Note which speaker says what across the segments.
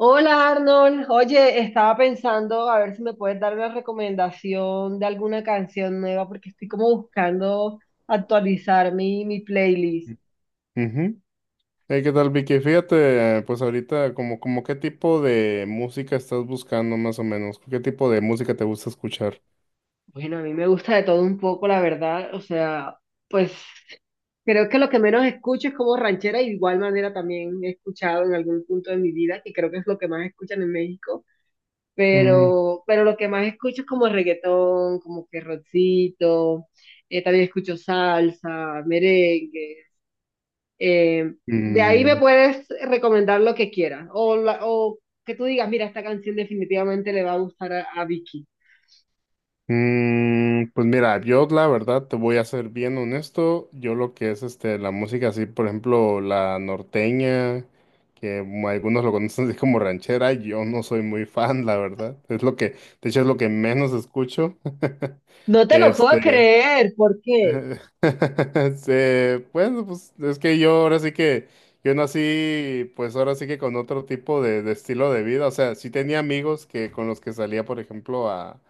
Speaker 1: Hola Arnold, oye, estaba pensando a ver si me puedes dar una recomendación de alguna canción nueva porque estoy como buscando actualizar mi playlist.
Speaker 2: Ujú. ¿Qué tal, Vicky? Fíjate, pues ahorita, como qué tipo de música estás buscando más o menos, qué tipo de música te gusta escuchar.
Speaker 1: Bueno, a mí me gusta de todo un poco, la verdad, o sea, pues creo que lo que menos escucho es como ranchera, y de igual manera también he escuchado en algún punto de mi vida, que creo que es lo que más escuchan en México,
Speaker 2: Mm.
Speaker 1: pero lo que más escucho es como reggaetón, como que rockcito, también escucho salsa, merengue. Eh, de ahí me
Speaker 2: Mm.
Speaker 1: puedes recomendar lo que quieras o que tú digas, mira, esta canción definitivamente le va a gustar a Vicky.
Speaker 2: Mm, pues mira, yo la verdad te voy a ser bien honesto. Yo lo que es este la música así, por ejemplo, la norteña, que algunos lo conocen así como ranchera, yo no soy muy fan, la verdad. Es lo que, de hecho, es lo que menos escucho.
Speaker 1: No te lo puedo
Speaker 2: Este,
Speaker 1: creer, ¿por qué?
Speaker 2: este, bueno, pues es que yo ahora sí que, yo nací, pues ahora sí que con otro tipo de estilo de vida, o sea, sí tenía amigos que con los que salía, por ejemplo,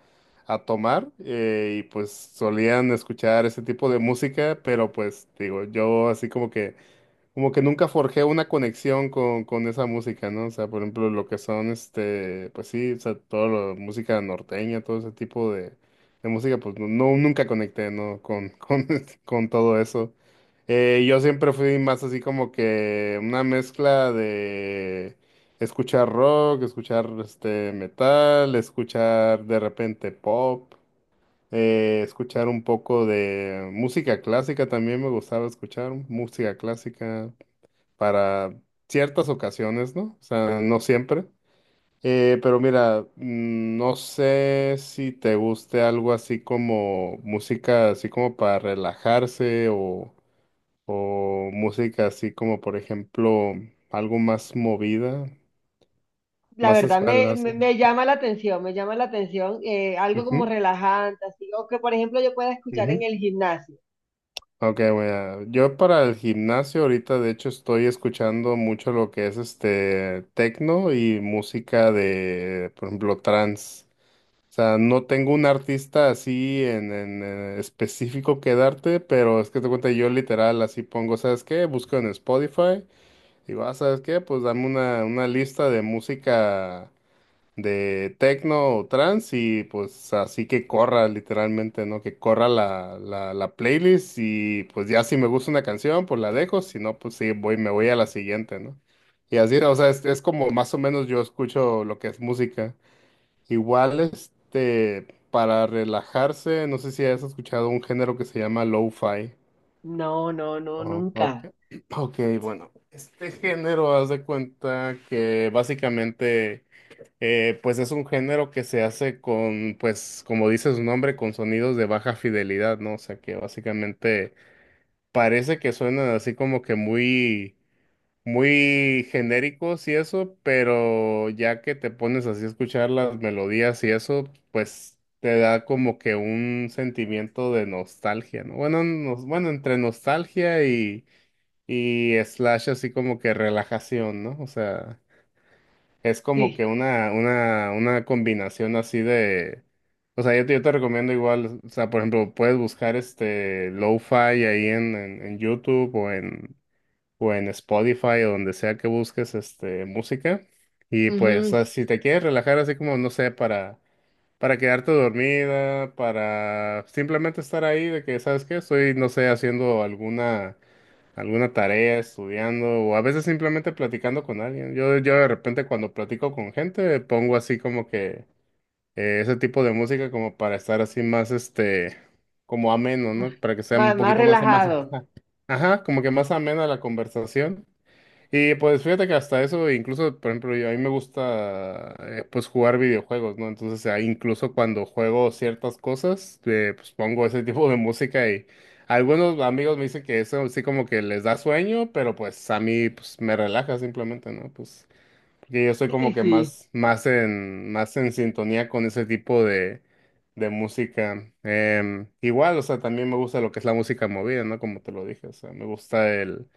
Speaker 2: a tomar y pues solían escuchar ese tipo de música, pero pues digo, yo así como que nunca forjé una conexión con esa música, ¿no? O sea, por ejemplo, lo que son, este, pues sí, o sea, toda la música norteña, todo ese tipo de música, pues no, nunca conecté, ¿no? Con, con todo eso. Yo siempre fui más así como que una mezcla de escuchar rock, escuchar, este, metal, escuchar de repente pop, escuchar un poco de música clásica, también me gustaba escuchar música clásica para ciertas ocasiones, ¿no? O sea, no siempre. Pero mira, no sé si te guste algo así como música, así como para relajarse o música así como, por ejemplo, algo más movida,
Speaker 1: La
Speaker 2: más
Speaker 1: verdad me,
Speaker 2: espaldas.
Speaker 1: me, me llama la atención, me llama la atención algo como
Speaker 2: Ujú,
Speaker 1: relajante, así, o que por ejemplo yo pueda escuchar en
Speaker 2: ujú.
Speaker 1: el gimnasio.
Speaker 2: Ok, bueno, yo para el gimnasio ahorita de hecho estoy escuchando mucho lo que es este tecno y música de, por ejemplo, trance. O sea, no tengo un artista así en, específico que darte, pero es que te cuenta, yo literal así pongo, ¿sabes qué? Busco en Spotify, digo, ah, ¿sabes qué? Pues dame una, lista de música de techno o trance y pues así que corra literalmente, ¿no? Que corra la playlist y pues ya si me gusta una canción, pues la dejo, si no, pues sí, voy, me voy a la siguiente, ¿no? Y así, o sea, es como más o menos yo escucho lo que es música. Igual, este, para relajarse, no sé si has escuchado un género que se llama lo-fi.
Speaker 1: No, no, no,
Speaker 2: Oh, ok.
Speaker 1: nunca.
Speaker 2: Ok, bueno, este género, haz de cuenta que básicamente, pues es un género que se hace con, pues, como dice su nombre, con sonidos de baja fidelidad, ¿no? O sea, que básicamente parece que suenan así como que muy muy genéricos y eso, pero ya que te pones así a escuchar las melodías y eso, pues te da como que un sentimiento de nostalgia, ¿no? Bueno, bueno, entre nostalgia y slash así como que relajación, ¿no? O sea, es como
Speaker 1: Sí,
Speaker 2: que una combinación así de... O sea, yo te recomiendo igual, o sea, por ejemplo, puedes buscar este lo-fi ahí en YouTube o o en Spotify o donde sea que busques este música. Y pues
Speaker 1: ujú.
Speaker 2: ah, si te quieres relajar así como, no sé, para quedarte dormida, para simplemente estar ahí de que, ¿sabes qué? Estoy, no sé, haciendo alguna, alguna tarea, estudiando o a veces simplemente platicando con alguien. Yo de repente cuando platico con gente pongo así como que ese tipo de música como para estar así más este, como ameno, ¿no? Para que sea un
Speaker 1: Más, más
Speaker 2: poquito más, más,
Speaker 1: relajado.
Speaker 2: ajá, como que más amena la conversación. Y pues fíjate que hasta eso, incluso, por ejemplo, a mí me gusta pues jugar videojuegos, ¿no? Entonces, ahí incluso cuando juego ciertas cosas, pues pongo ese tipo de música y algunos amigos me dicen que eso sí como que les da sueño, pero pues a mí pues me relaja simplemente, ¿no? Pues porque yo soy
Speaker 1: Sí,
Speaker 2: como que
Speaker 1: sí,
Speaker 2: más, más en sintonía con ese tipo de música. Igual, o sea, también me gusta lo que es la música movida, ¿no? Como te lo dije, o sea, me gusta el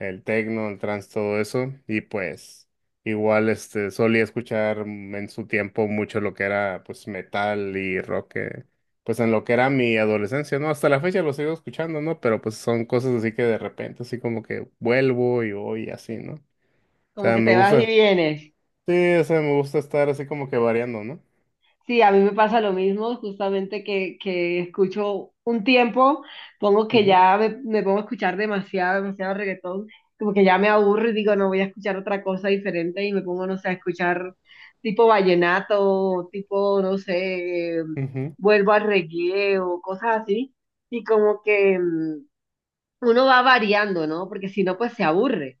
Speaker 2: el tecno, el trance, todo eso. Y pues igual este solía escuchar en su tiempo mucho lo que era pues metal y rock, pues en lo que era mi adolescencia, ¿no? Hasta la fecha lo sigo escuchando, ¿no? Pero pues son cosas así que de repente así como que vuelvo y voy y así, ¿no? O
Speaker 1: como
Speaker 2: sea,
Speaker 1: que
Speaker 2: me
Speaker 1: te vas y
Speaker 2: gusta,
Speaker 1: vienes.
Speaker 2: sí, o sea, me gusta estar así como que variando, ¿no?
Speaker 1: Sí, a mí me pasa lo mismo, justamente que escucho un tiempo, pongo que
Speaker 2: Ujú,
Speaker 1: ya me pongo a escuchar demasiado, demasiado reggaetón, como que ya me aburro y digo, no voy a escuchar otra cosa diferente y me pongo, no sé, a escuchar tipo vallenato, tipo, no sé,
Speaker 2: ujú,
Speaker 1: vuelvo al reggae o cosas así, y como que uno va variando, ¿no? Porque si no, pues se aburre,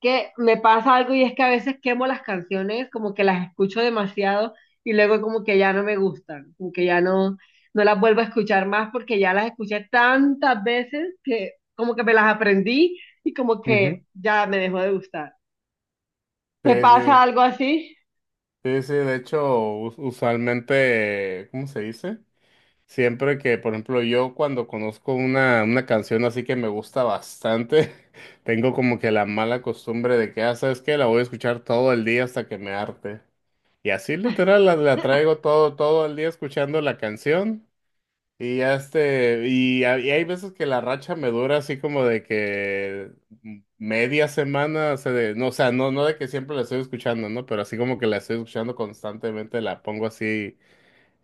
Speaker 1: que me pasa algo y es que a veces quemo las canciones, como que las escucho demasiado y luego como que ya no me gustan, como que ya no, no las vuelvo a escuchar más porque ya las escuché tantas veces que como que me las aprendí y como que
Speaker 2: ujú.
Speaker 1: ya me dejó de gustar. ¿Te
Speaker 2: Sí,
Speaker 1: pasa
Speaker 2: sí,
Speaker 1: algo así?
Speaker 2: sí, sí, de hecho, usualmente, ¿cómo se dice? Siempre que, por ejemplo, yo cuando conozco una canción así que me gusta bastante, tengo como que la mala costumbre de que, ah, ¿sabes qué? La voy a escuchar todo el día hasta que me harte. Y así literal la traigo todo, todo el día escuchando la canción. Y ya este, y hay veces que la racha me dura así como de que media semana, o sea, no, o sea, no, no de que siempre la estoy escuchando, ¿no? Pero así como que la estoy escuchando constantemente, la pongo así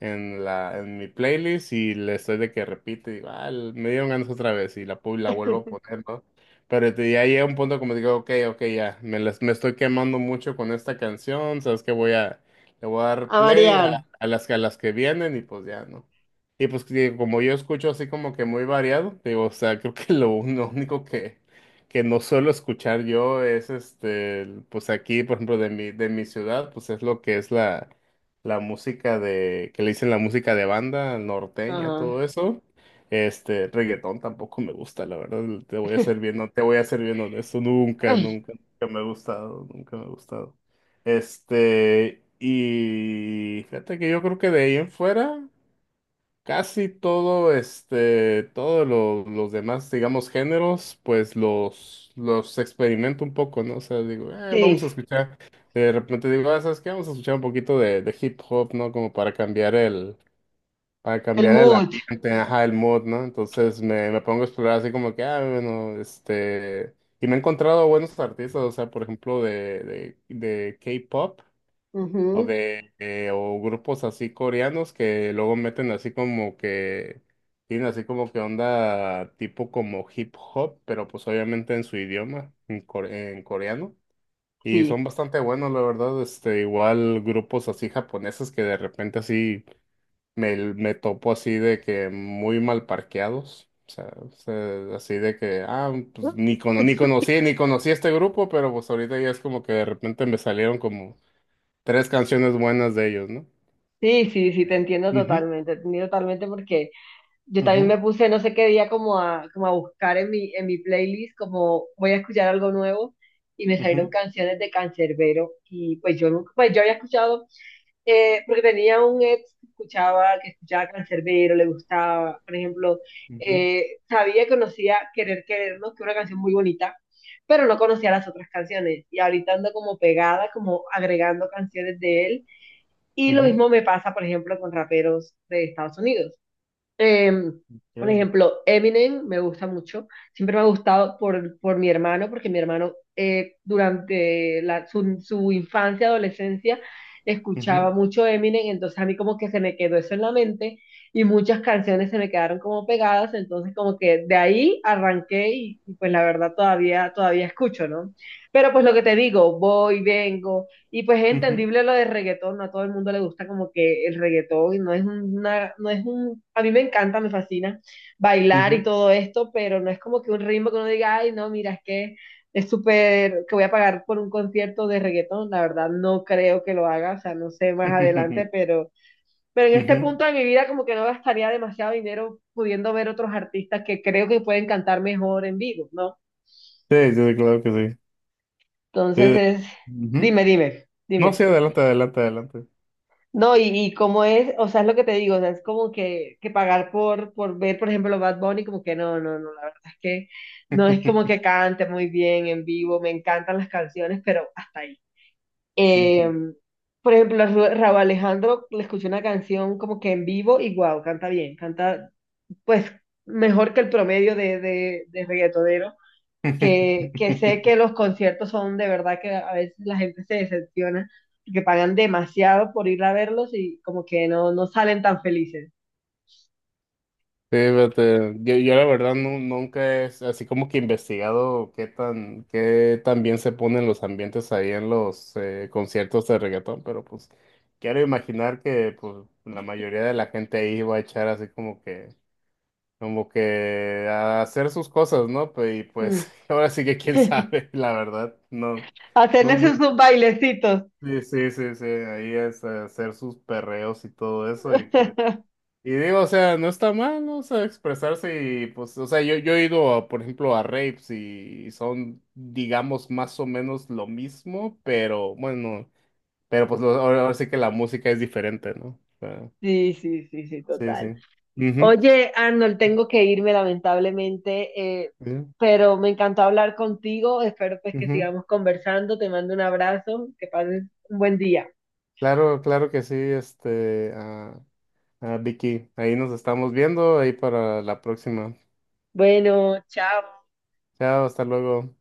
Speaker 2: en mi playlist y le estoy de que repite, digo, ah, me dieron ganas otra vez y la, la vuelvo a poner, ¿no? Pero ya llega un punto como digo, ok, ok, ya, me estoy quemando mucho con esta canción, sabes que voy a, le voy a dar
Speaker 1: A
Speaker 2: play a,
Speaker 1: variar.
Speaker 2: a las que vienen y pues ya, ¿no? Y pues que como yo escucho así como que muy variado, digo, o sea, creo que lo único que no suelo escuchar yo es este, pues aquí, por ejemplo, de mi ciudad, pues es lo que es la música de, que le dicen la música de banda, norteña,
Speaker 1: Ajá.
Speaker 2: todo eso. Este, reggaetón tampoco me gusta, la verdad, te voy a ser bien, no, te voy a ser bien honesto, nunca, nunca, nunca me ha gustado, nunca me ha gustado. Este, y fíjate que yo creo que de ahí en fuera. Casi todo, este, todos los demás, digamos, géneros, pues los experimento un poco, ¿no? O sea, digo, vamos
Speaker 1: Sí,
Speaker 2: a escuchar, de repente digo, ah, ¿sabes qué? Vamos a escuchar un poquito de hip hop, ¿no? Como para
Speaker 1: el
Speaker 2: cambiar el
Speaker 1: mood.
Speaker 2: ambiente, ajá, el mood, ¿no? Entonces me pongo a explorar así como que, ah, bueno, este, y me he encontrado buenos artistas, o sea, por ejemplo, de K-pop. O
Speaker 1: Ujú.
Speaker 2: de, eh, o grupos así coreanos que luego meten así como que, tienen así como que onda tipo como hip hop, pero pues obviamente en su idioma, en, en coreano. Y
Speaker 1: Sí.
Speaker 2: son bastante buenos, la verdad, este, igual grupos así japoneses que de repente así me, me topo así de que muy mal parqueados. O sea, así de que, ah, pues ni, ni conocí, ni conocí este grupo, pero pues ahorita ya es como que de repente me salieron como tres canciones buenas de ellos, ¿no?
Speaker 1: Sí, sí, sí,
Speaker 2: Ujú,
Speaker 1: te entiendo totalmente porque yo también
Speaker 2: ujú,
Speaker 1: me puse no sé qué día como a, como a buscar en mi playlist, como voy a escuchar algo nuevo, y me salieron
Speaker 2: ujú,
Speaker 1: canciones de Canserbero, y pues yo nunca, pues yo había escuchado, porque tenía un ex que escuchaba Canserbero, le gustaba, por ejemplo,
Speaker 2: ujú,
Speaker 1: sabía, conocía Querer Querernos, que es una canción muy bonita, pero no conocía las otras canciones, y ahorita ando como pegada, como agregando canciones de él, y lo
Speaker 2: ujú.
Speaker 1: mismo me pasa, por ejemplo, con raperos de Estados Unidos. Em, por
Speaker 2: Bien.
Speaker 1: ejemplo, Eminem me gusta mucho. Siempre me ha gustado por mi hermano, porque mi hermano durante su infancia, adolescencia, escuchaba
Speaker 2: Ujú,
Speaker 1: mucho Eminem, entonces a mí como que se me quedó eso en la mente y muchas canciones se me quedaron como pegadas, entonces como que de ahí arranqué y pues la verdad todavía escucho, ¿no? Pero pues lo que te digo, voy, vengo. Y pues es
Speaker 2: ujú,
Speaker 1: entendible lo de reggaetón, no a todo el mundo le gusta como que el reggaetón, y no es una, no es un, a mí me encanta, me fascina bailar y
Speaker 2: ujú.
Speaker 1: todo esto, pero no es como que un ritmo que uno diga, ay, no, mira, es que es súper, que voy a pagar por un concierto de reggaetón, la verdad no creo que lo haga, o sea, no sé más adelante, pero en este
Speaker 2: Ujú.
Speaker 1: punto de mi vida como que no gastaría demasiado dinero pudiendo ver otros artistas que creo que pueden cantar mejor en vivo, ¿no?
Speaker 2: Sí, sí, claro que sí.
Speaker 1: Entonces
Speaker 2: Sí, sí.
Speaker 1: es,
Speaker 2: Ujú.
Speaker 1: dime, dime,
Speaker 2: No, sí,
Speaker 1: dime.
Speaker 2: adelante, adelante, adelante.
Speaker 1: No, y como es, o sea, es lo que te digo, o sea, es como que pagar por ver, por ejemplo, Bad Bunny, como que no, no, no, la verdad es que no es como que cante muy bien en vivo, me encantan las canciones, pero hasta ahí.
Speaker 2: Ujú.
Speaker 1: Eh, por ejemplo, a Rauw Alejandro le escuché una canción como que en vivo y wow, canta bien, canta pues mejor que el promedio de reggaetonero, que sé que los conciertos son de verdad que a veces la gente se decepciona, que pagan demasiado por ir a verlos y como que no, no salen tan felices.
Speaker 2: Sí, fíjate, yo la verdad nunca es así como que investigado qué tan bien se ponen los ambientes ahí en los conciertos de reggaetón, pero pues quiero imaginar que pues la mayoría de la gente ahí va a echar así como que a hacer sus cosas, ¿no? Pues, y
Speaker 1: Mm.
Speaker 2: pues ahora sí que quién sabe, la verdad, no, no,
Speaker 1: Hacerles
Speaker 2: no,
Speaker 1: esos bailecitos.
Speaker 2: sí, sí, sí, sí, ahí es hacer sus perreos y todo eso y pues. Y digo, o sea, no está mal, ¿no? O sea, expresarse y pues, o sea, yo he ido, a, por ejemplo, a rapes y son, digamos, más o menos lo mismo, pero bueno, pero pues ahora sí que la música es diferente, ¿no? O sea,
Speaker 1: Sí, sí, sí, sí,
Speaker 2: sí,
Speaker 1: total.
Speaker 2: sí. Ujú,
Speaker 1: Oye, Arnold, tengo que irme lamentablemente,
Speaker 2: sí,
Speaker 1: pero me encantó hablar contigo. Espero pues que
Speaker 2: ujú.
Speaker 1: sigamos conversando. Te mando un abrazo. Que pases un buen día.
Speaker 2: Claro, claro que sí, este, ah, ah, Vicky, ahí nos estamos viendo, ahí para la próxima.
Speaker 1: Bueno, chao.
Speaker 2: Chao, hasta luego.